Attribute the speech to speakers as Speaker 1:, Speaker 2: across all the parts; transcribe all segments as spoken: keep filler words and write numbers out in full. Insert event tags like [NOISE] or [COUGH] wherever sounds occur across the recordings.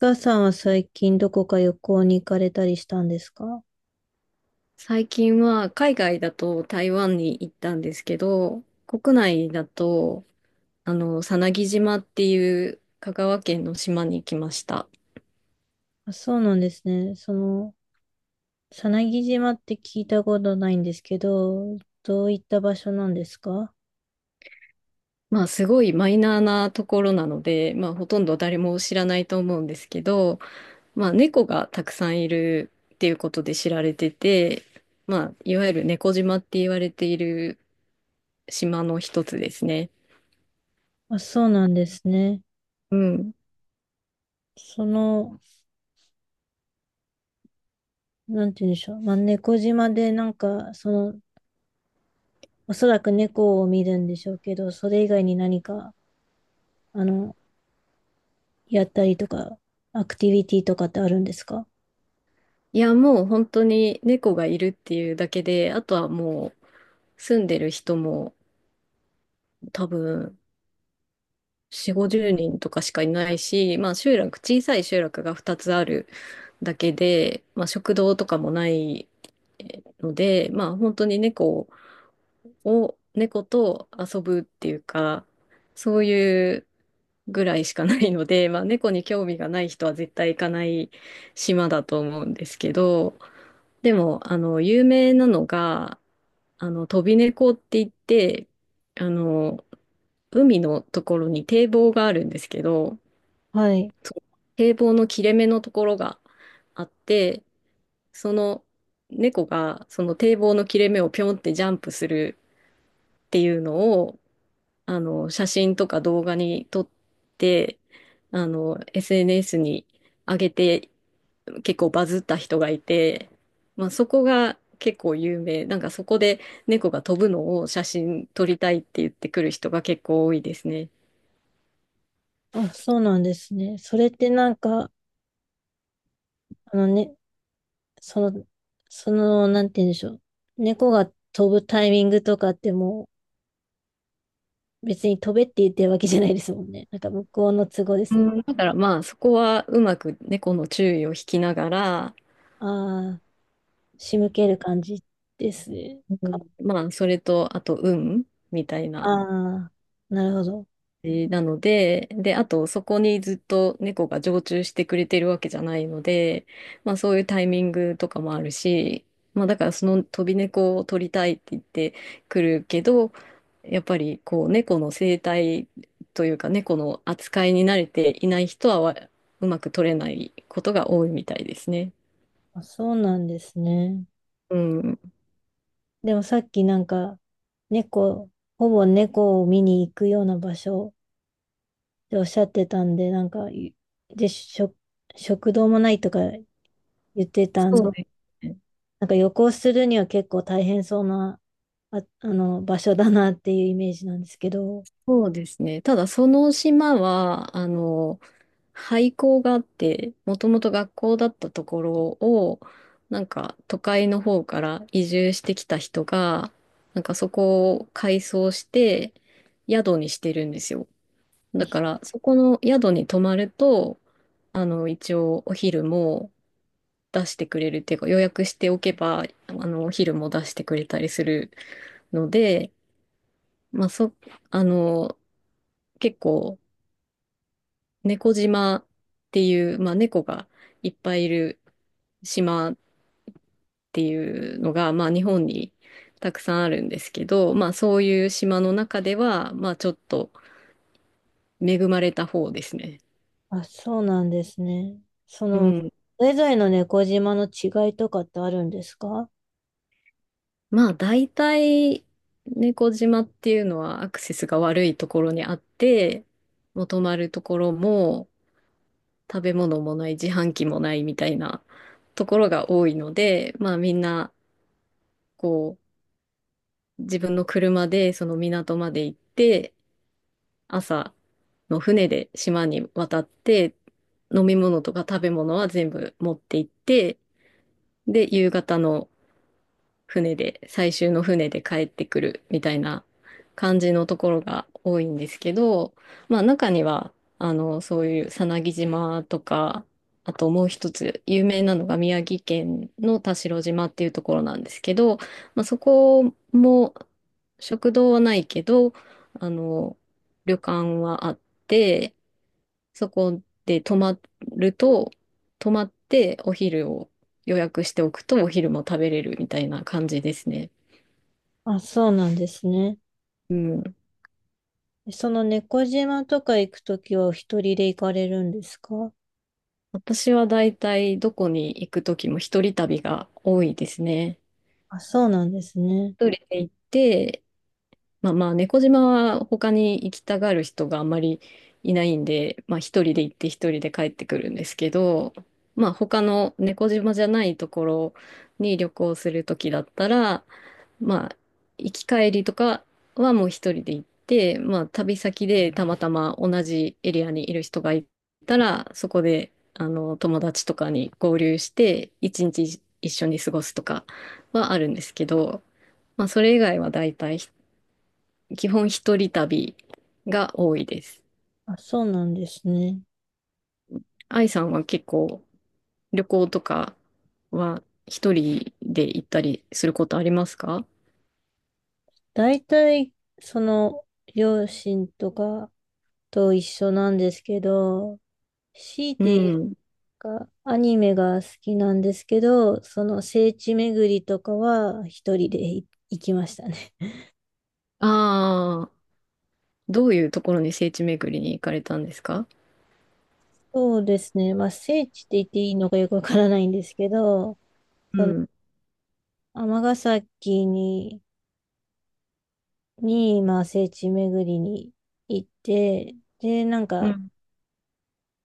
Speaker 1: お母さんは最近どこか旅行に行かれたりしたんですか？
Speaker 2: 最近は海外だと台湾に行ったんですけど、国内だと、あの、さなぎ島っていう香川県の島に来ました。
Speaker 1: あ、そうなんですね。その、さなぎ島って聞いたことないんですけど、どういった場所なんですか？
Speaker 2: まあ、すごいマイナーなところなので、まあ、ほとんど誰も知らないと思うんですけど、まあ、猫がたくさんいるっていうことで知られてて、まあ、いわゆる猫島って言われている島の一つですね。
Speaker 1: あ、そうなんですね。
Speaker 2: うん。
Speaker 1: その、なんて言うんでしょう。まあ、猫島でなんか、その、おそらく猫を見るんでしょうけど、それ以外に何か、あの、やったりとか、アクティビティとかってあるんですか？
Speaker 2: いや、もう本当に猫がいるっていうだけで、あとはもう住んでる人も多分よん、ごじゅうにんとかしかいないし、まあ集落、小さい集落がふたつあるだけで、まあ食堂とかもないので、まあ本当に猫を猫と遊ぶっていうか、そういうぐらいしかないので、[LAUGHS] まあ、猫に興味がない人は絶対行かない島だと思うんですけど、でも、あの、有名なのが、あの、飛び猫って言って、あの、海のところに堤防があるんですけど、
Speaker 1: はい。
Speaker 2: そう堤防の切れ目のところがあって、その猫がその堤防の切れ目をピョンってジャンプするっていうのをあの、写真とか動画に撮って、あの、エスエヌエス に上げて、結構バズった人がいて、まあ、そこが結構有名。なんかそこで猫が飛ぶのを写真撮りたいって言ってくる人が結構多いですね。
Speaker 1: あ、そうなんですね。それってなんか、あのね、その、その、なんて言うんでしょう。猫が飛ぶタイミングとかってもう別に飛べって言ってるわけじゃないですもんね。[LAUGHS] なんか向こうの都合で
Speaker 2: う
Speaker 1: すよね。
Speaker 2: ん、だからまあそこはうまく猫の注意を引きながら、
Speaker 1: ああ、仕向ける感じです
Speaker 2: う
Speaker 1: か。
Speaker 2: ん、まあそれとあと運みたい
Speaker 1: あ
Speaker 2: な
Speaker 1: あ、なるほど。
Speaker 2: じなので、で、あとそこにずっと猫が常駐してくれてるわけじゃないので、まあそういうタイミングとかもあるし、まあだからその飛び猫を取りたいって言ってくるけど、やっぱりこう猫の生態というか猫の扱いに慣れていない人はわうまく取れないことが多いみたいですね。
Speaker 1: あ、そうなんですね。
Speaker 2: うん。
Speaker 1: でもさっきなんか猫、ほぼ猫を見に行くような場所っておっしゃってたんで、なんか、いで、食、食堂もないとか言ってたん
Speaker 2: そう
Speaker 1: で、
Speaker 2: ですね。
Speaker 1: なんか旅行するには結構大変そうなあ、[LAUGHS] あの、場所だなっていうイメージなんですけど。
Speaker 2: そうですね。ただその島は、あの、廃校があって、もともと学校だったところを、なんか都会の方から移住してきた人が、なんかそこを改装して宿にしてるんですよ。だからそこの宿に泊まると、あの、一応お昼も出してくれるっていうか予約しておけば、あの、お昼も出してくれたりするので、まあそ、あの、結構、猫島っていう、まあ、猫がいっぱいいる島っていうのが、まあ、日本にたくさんあるんですけど、まあ、そういう島の中では、まあ、ちょっと恵まれた方ですね。
Speaker 1: あ、そうなんですね。そ
Speaker 2: う
Speaker 1: の、
Speaker 2: ん。
Speaker 1: それぞれの猫島の違いとかってあるんですか？
Speaker 2: まあ、大体、猫島っていうのはアクセスが悪いところにあって、もう泊まるところも食べ物もない、自販機もないみたいなところが多いので、まあ、みんな、こう、自分の車でその港まで行って、朝の船で島に渡って、飲み物とか食べ物は全部持って行って、で、夕方の船で、最終の船で帰ってくるみたいな感じのところが多いんですけど、まあ中には、あの、そういうさなぎ島とか、あともう一つ有名なのが宮城県の田代島っていうところなんですけど、まあ、そこも食堂はないけど、あの、旅館はあって、そこで泊まると、泊まってお昼を予約しておくとお昼も食べれるみたいな感じですね。
Speaker 1: あ、そうなんですね。
Speaker 2: うん。
Speaker 1: その猫島とか行くときはお一人で行かれるんですか？
Speaker 2: 私はだいたいどこに行くときも一人旅が多いですね。
Speaker 1: あ、そうなんですね。
Speaker 2: 一人で行って、まあまあ猫島は他に行きたがる人があんまりいないんで、まあ一人で行って一人で帰ってくるんですけど、まあ他の猫島じゃないところに旅行するときだったら、まあ、行き帰りとかはもう一人で行って、まあ、旅先でたまたま同じエリアにいる人がいたら、そこで、あの、友達とかに合流して、一日一緒に過ごすとかはあるんですけど、まあ、それ以外は大体、基本一人旅が多いです。
Speaker 1: あ、そうなんですね。
Speaker 2: 愛さんは結構旅行とかは一人で行ったりすることありますか？
Speaker 1: 大体、その、両親とかと一緒なんですけど、強い
Speaker 2: う
Speaker 1: て
Speaker 2: ん。
Speaker 1: かアニメが好きなんですけど、その聖地巡りとかは一人でい行きましたね。
Speaker 2: ああ。どういうところに聖地巡りに行かれたんですか？
Speaker 1: [LAUGHS] そうですね。まあ聖地って言っていいのかよくわからないんですけど、
Speaker 2: う
Speaker 1: その
Speaker 2: ん。
Speaker 1: 尼崎に、に、まあ聖地巡りに行って、で、なん
Speaker 2: う
Speaker 1: か、
Speaker 2: ん。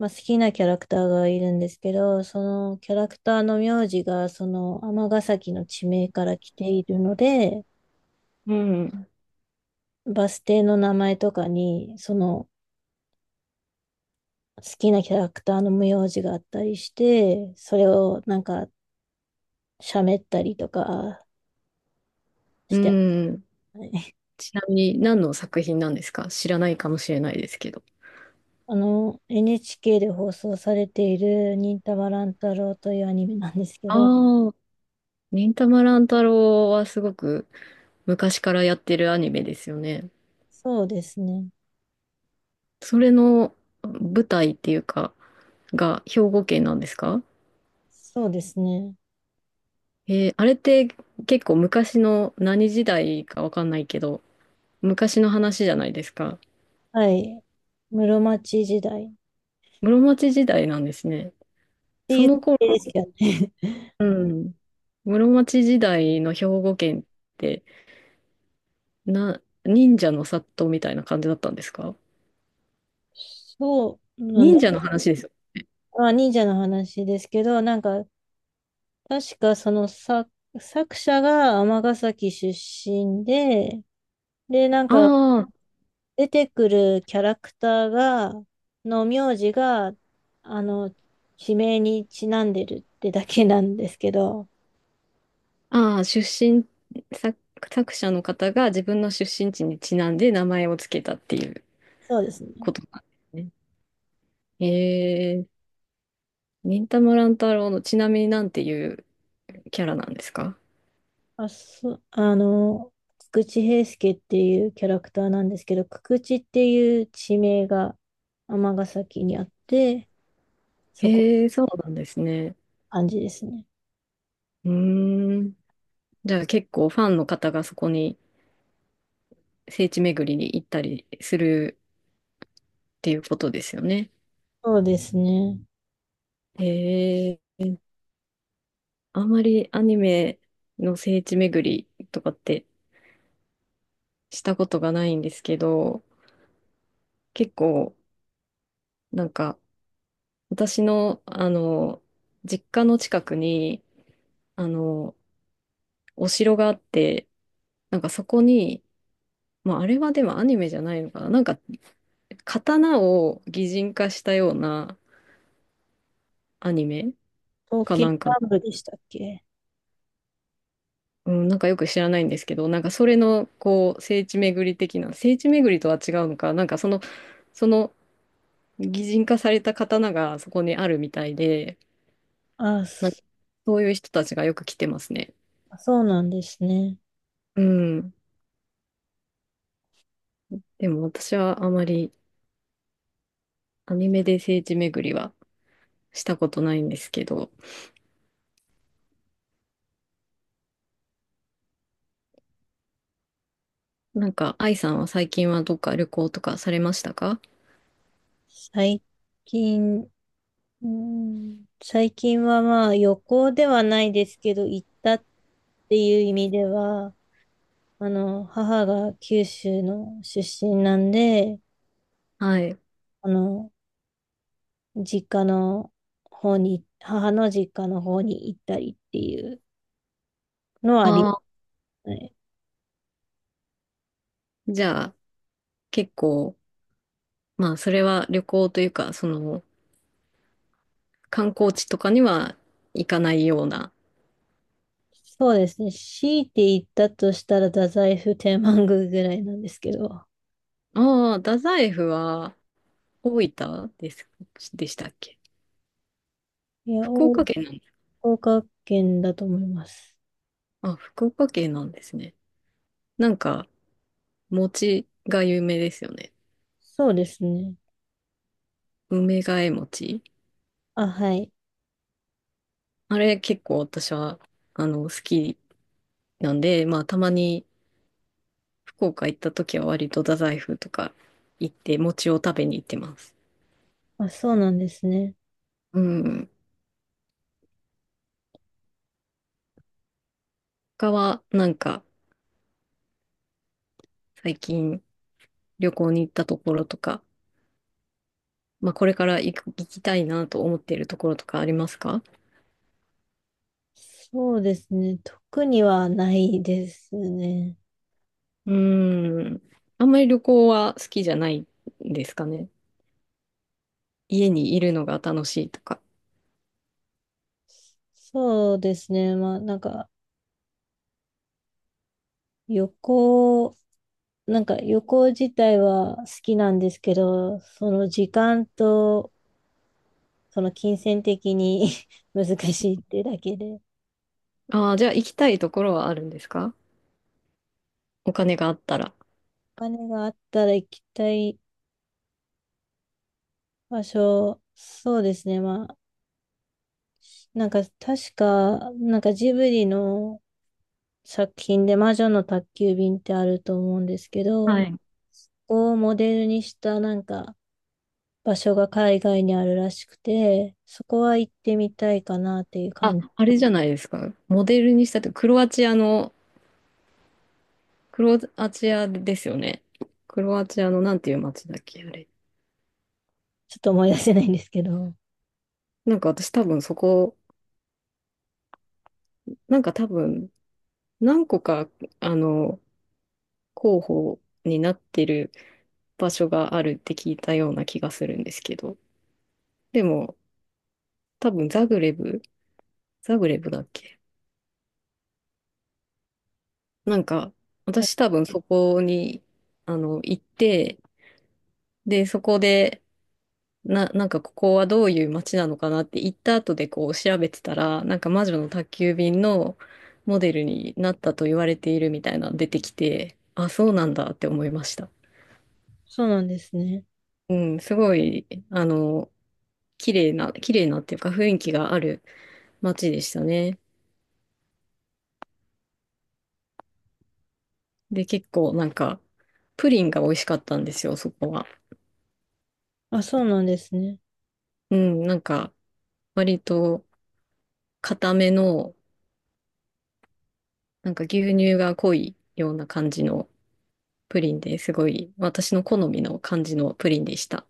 Speaker 1: まあ、好きなキャラクターがいるんですけど、そのキャラクターの名字がその尼崎の地名から来ているので、
Speaker 2: うん。
Speaker 1: バス停の名前とかに、その好きなキャラクターの無用字があったりして、それをなんか喋ったりとかし
Speaker 2: う
Speaker 1: て
Speaker 2: ん。
Speaker 1: ますね。[LAUGHS]
Speaker 2: ちなみに何の作品なんですか？知らないかもしれないですけど。
Speaker 1: あの、エヌエイチケー で放送されている忍たま乱太郎というアニメなんですけど、
Speaker 2: ああ、忍たま乱太郎はすごく昔からやってるアニメですよね。
Speaker 1: そうですね。
Speaker 2: それの舞台っていうか、が兵庫県なんですか？
Speaker 1: そうですね。
Speaker 2: えーあれって結構昔の何時代かわかんないけど、昔の話じゃないですか。
Speaker 1: はい。室町時代っ
Speaker 2: 室町時代なんですね。
Speaker 1: て
Speaker 2: そ
Speaker 1: いう設
Speaker 2: の頃
Speaker 1: 定ですけどね。
Speaker 2: うん。室町時代の兵庫県って、な、忍者の殺到みたいな感じだったんですか？
Speaker 1: [LAUGHS] そうなん
Speaker 2: 忍
Speaker 1: だ。
Speaker 2: 者の話ですよ。
Speaker 1: まあ、忍者の話ですけど、なんか、確かその作、作者が尼崎出身で、で、なんか、
Speaker 2: あ
Speaker 1: 出てくるキャラクターが、の名字が、あの、地名にちなんでるってだけなんですけど、
Speaker 2: あ、ああ、出身、作、作者の方が自分の出身地にちなんで名前をつけたっていう
Speaker 1: そうですね。
Speaker 2: ことなんですね。へえ、忍たま乱太郎のちなみになんていうキャラなんですか？
Speaker 1: あ、そ、あの、久々平介っていうキャラクターなんですけど、久々っていう地名が尼崎にあって、そこ、
Speaker 2: へえ、そうなんですね。
Speaker 1: 感じですね。
Speaker 2: うーん。じゃあ結構ファンの方がそこに聖地巡りに行ったりするっていうことですよね。
Speaker 1: そうですね。
Speaker 2: へえ、あんまりアニメの聖地巡りとかってしたことがないんですけど、結構なんか私のあの、実家の近くにあの、お城があって、なんかそこに、まああれはでもアニメじゃないのかな、なんか刀を擬人化したようなアニメ
Speaker 1: 東
Speaker 2: か
Speaker 1: 京
Speaker 2: なんかの
Speaker 1: 南部でしたっけ？
Speaker 2: うん、なんかよく知らないんですけど、なんかそれのこう聖地巡り的な、聖地巡りとは違うのか、なんかその、その擬人化された刀がそこにあるみたいで、
Speaker 1: あ、
Speaker 2: なんか
Speaker 1: そ
Speaker 2: そういう人たちがよく来てますね。
Speaker 1: あそうなんですね。
Speaker 2: うん。でも私はあまりアニメで聖地巡りはしたことないんですけど、なんか愛さんは最近はどっか旅行とかされましたか？
Speaker 1: 最近、うん、最近はまあ旅行ではないですけど、行ったっていう意味では、あの、母が九州の出身なんで、
Speaker 2: はい。
Speaker 1: あの、実家の方に、母の実家の方に行ったりっていうのはありま
Speaker 2: ああ、
Speaker 1: すね。
Speaker 2: じゃあ結構、まあそれは旅行というか、その、観光地とかには行かないような。
Speaker 1: そうですね。強いて言ったとしたら、太宰府天満宮ぐらいなんですけど。
Speaker 2: ああ、太宰府は大分です、でしたっけ？
Speaker 1: いや、
Speaker 2: 福
Speaker 1: 大
Speaker 2: 岡県なんだ。
Speaker 1: 岡県だと思います。
Speaker 2: あ、福岡県なんですね。なんか、餅が有名ですよね。
Speaker 1: そうですね。
Speaker 2: 梅替え餅。
Speaker 1: あ、はい。
Speaker 2: あれ結構私は、あの、好きなんで、まあ、たまに福岡行った時は割と太宰府とか行って餅を食べに行ってます。
Speaker 1: あ、そうなんですね。
Speaker 2: うん。他は、なんか、最近旅行に行ったところとか、まあ、これから行く、行きたいなと思っているところとかありますか？
Speaker 1: そうですね。特にはないですね。
Speaker 2: うーん。あんまり旅行は好きじゃないんですかね。家にいるのが楽しいとか。
Speaker 1: そうですね。まあ、なんか、旅行、なんか旅行自体は好きなんですけど、その時間と、その金銭的に [LAUGHS] 難しいってだけで。
Speaker 2: ああ、じゃあ行きたいところはあるんですか？お金があったら。
Speaker 1: お金があったら行きたい場所、そうですね。まあ、なんか確か、なんかジブリの作品で魔女の宅急便ってあると思うんですけど、
Speaker 2: はい。
Speaker 1: そこをモデルにしたなんか場所が海外にあるらしくて、そこは行ってみたいかなっていう
Speaker 2: あ、
Speaker 1: 感じ、
Speaker 2: あれじゃないですか。モデルにしたって、クロアチアの、クロアチアですよね。クロアチアのなんていう街だっけ、あれ。
Speaker 1: ちょっと思い出せないんですけど。
Speaker 2: なんか私多分そこ、なんか多分何個か、あの、候補になってる場所があるって聞いたような気がするんですけど。でも、多分ザグレブ、ザグレブだっけ、なんか、
Speaker 1: はい。
Speaker 2: 私多分そこに、あの、行って、で、そこで、な、なんかここはどういう街なのかなって行った後でこう調べてたら、なんか魔女の宅急便のモデルになったと言われているみたいなの出てきて、あ、そうなんだって思いました。
Speaker 1: そうなんですね。
Speaker 2: うん、すごい、あの、綺麗な、綺麗なっていうか雰囲気がある街でしたね。で、結構なんか、プリンが美味しかったんですよ、そこは。
Speaker 1: あ、そうなんですね。
Speaker 2: うん、なんか、割と固めの、なんか牛乳が濃いような感じのプリンですごい、私の好みの感じのプリンでした。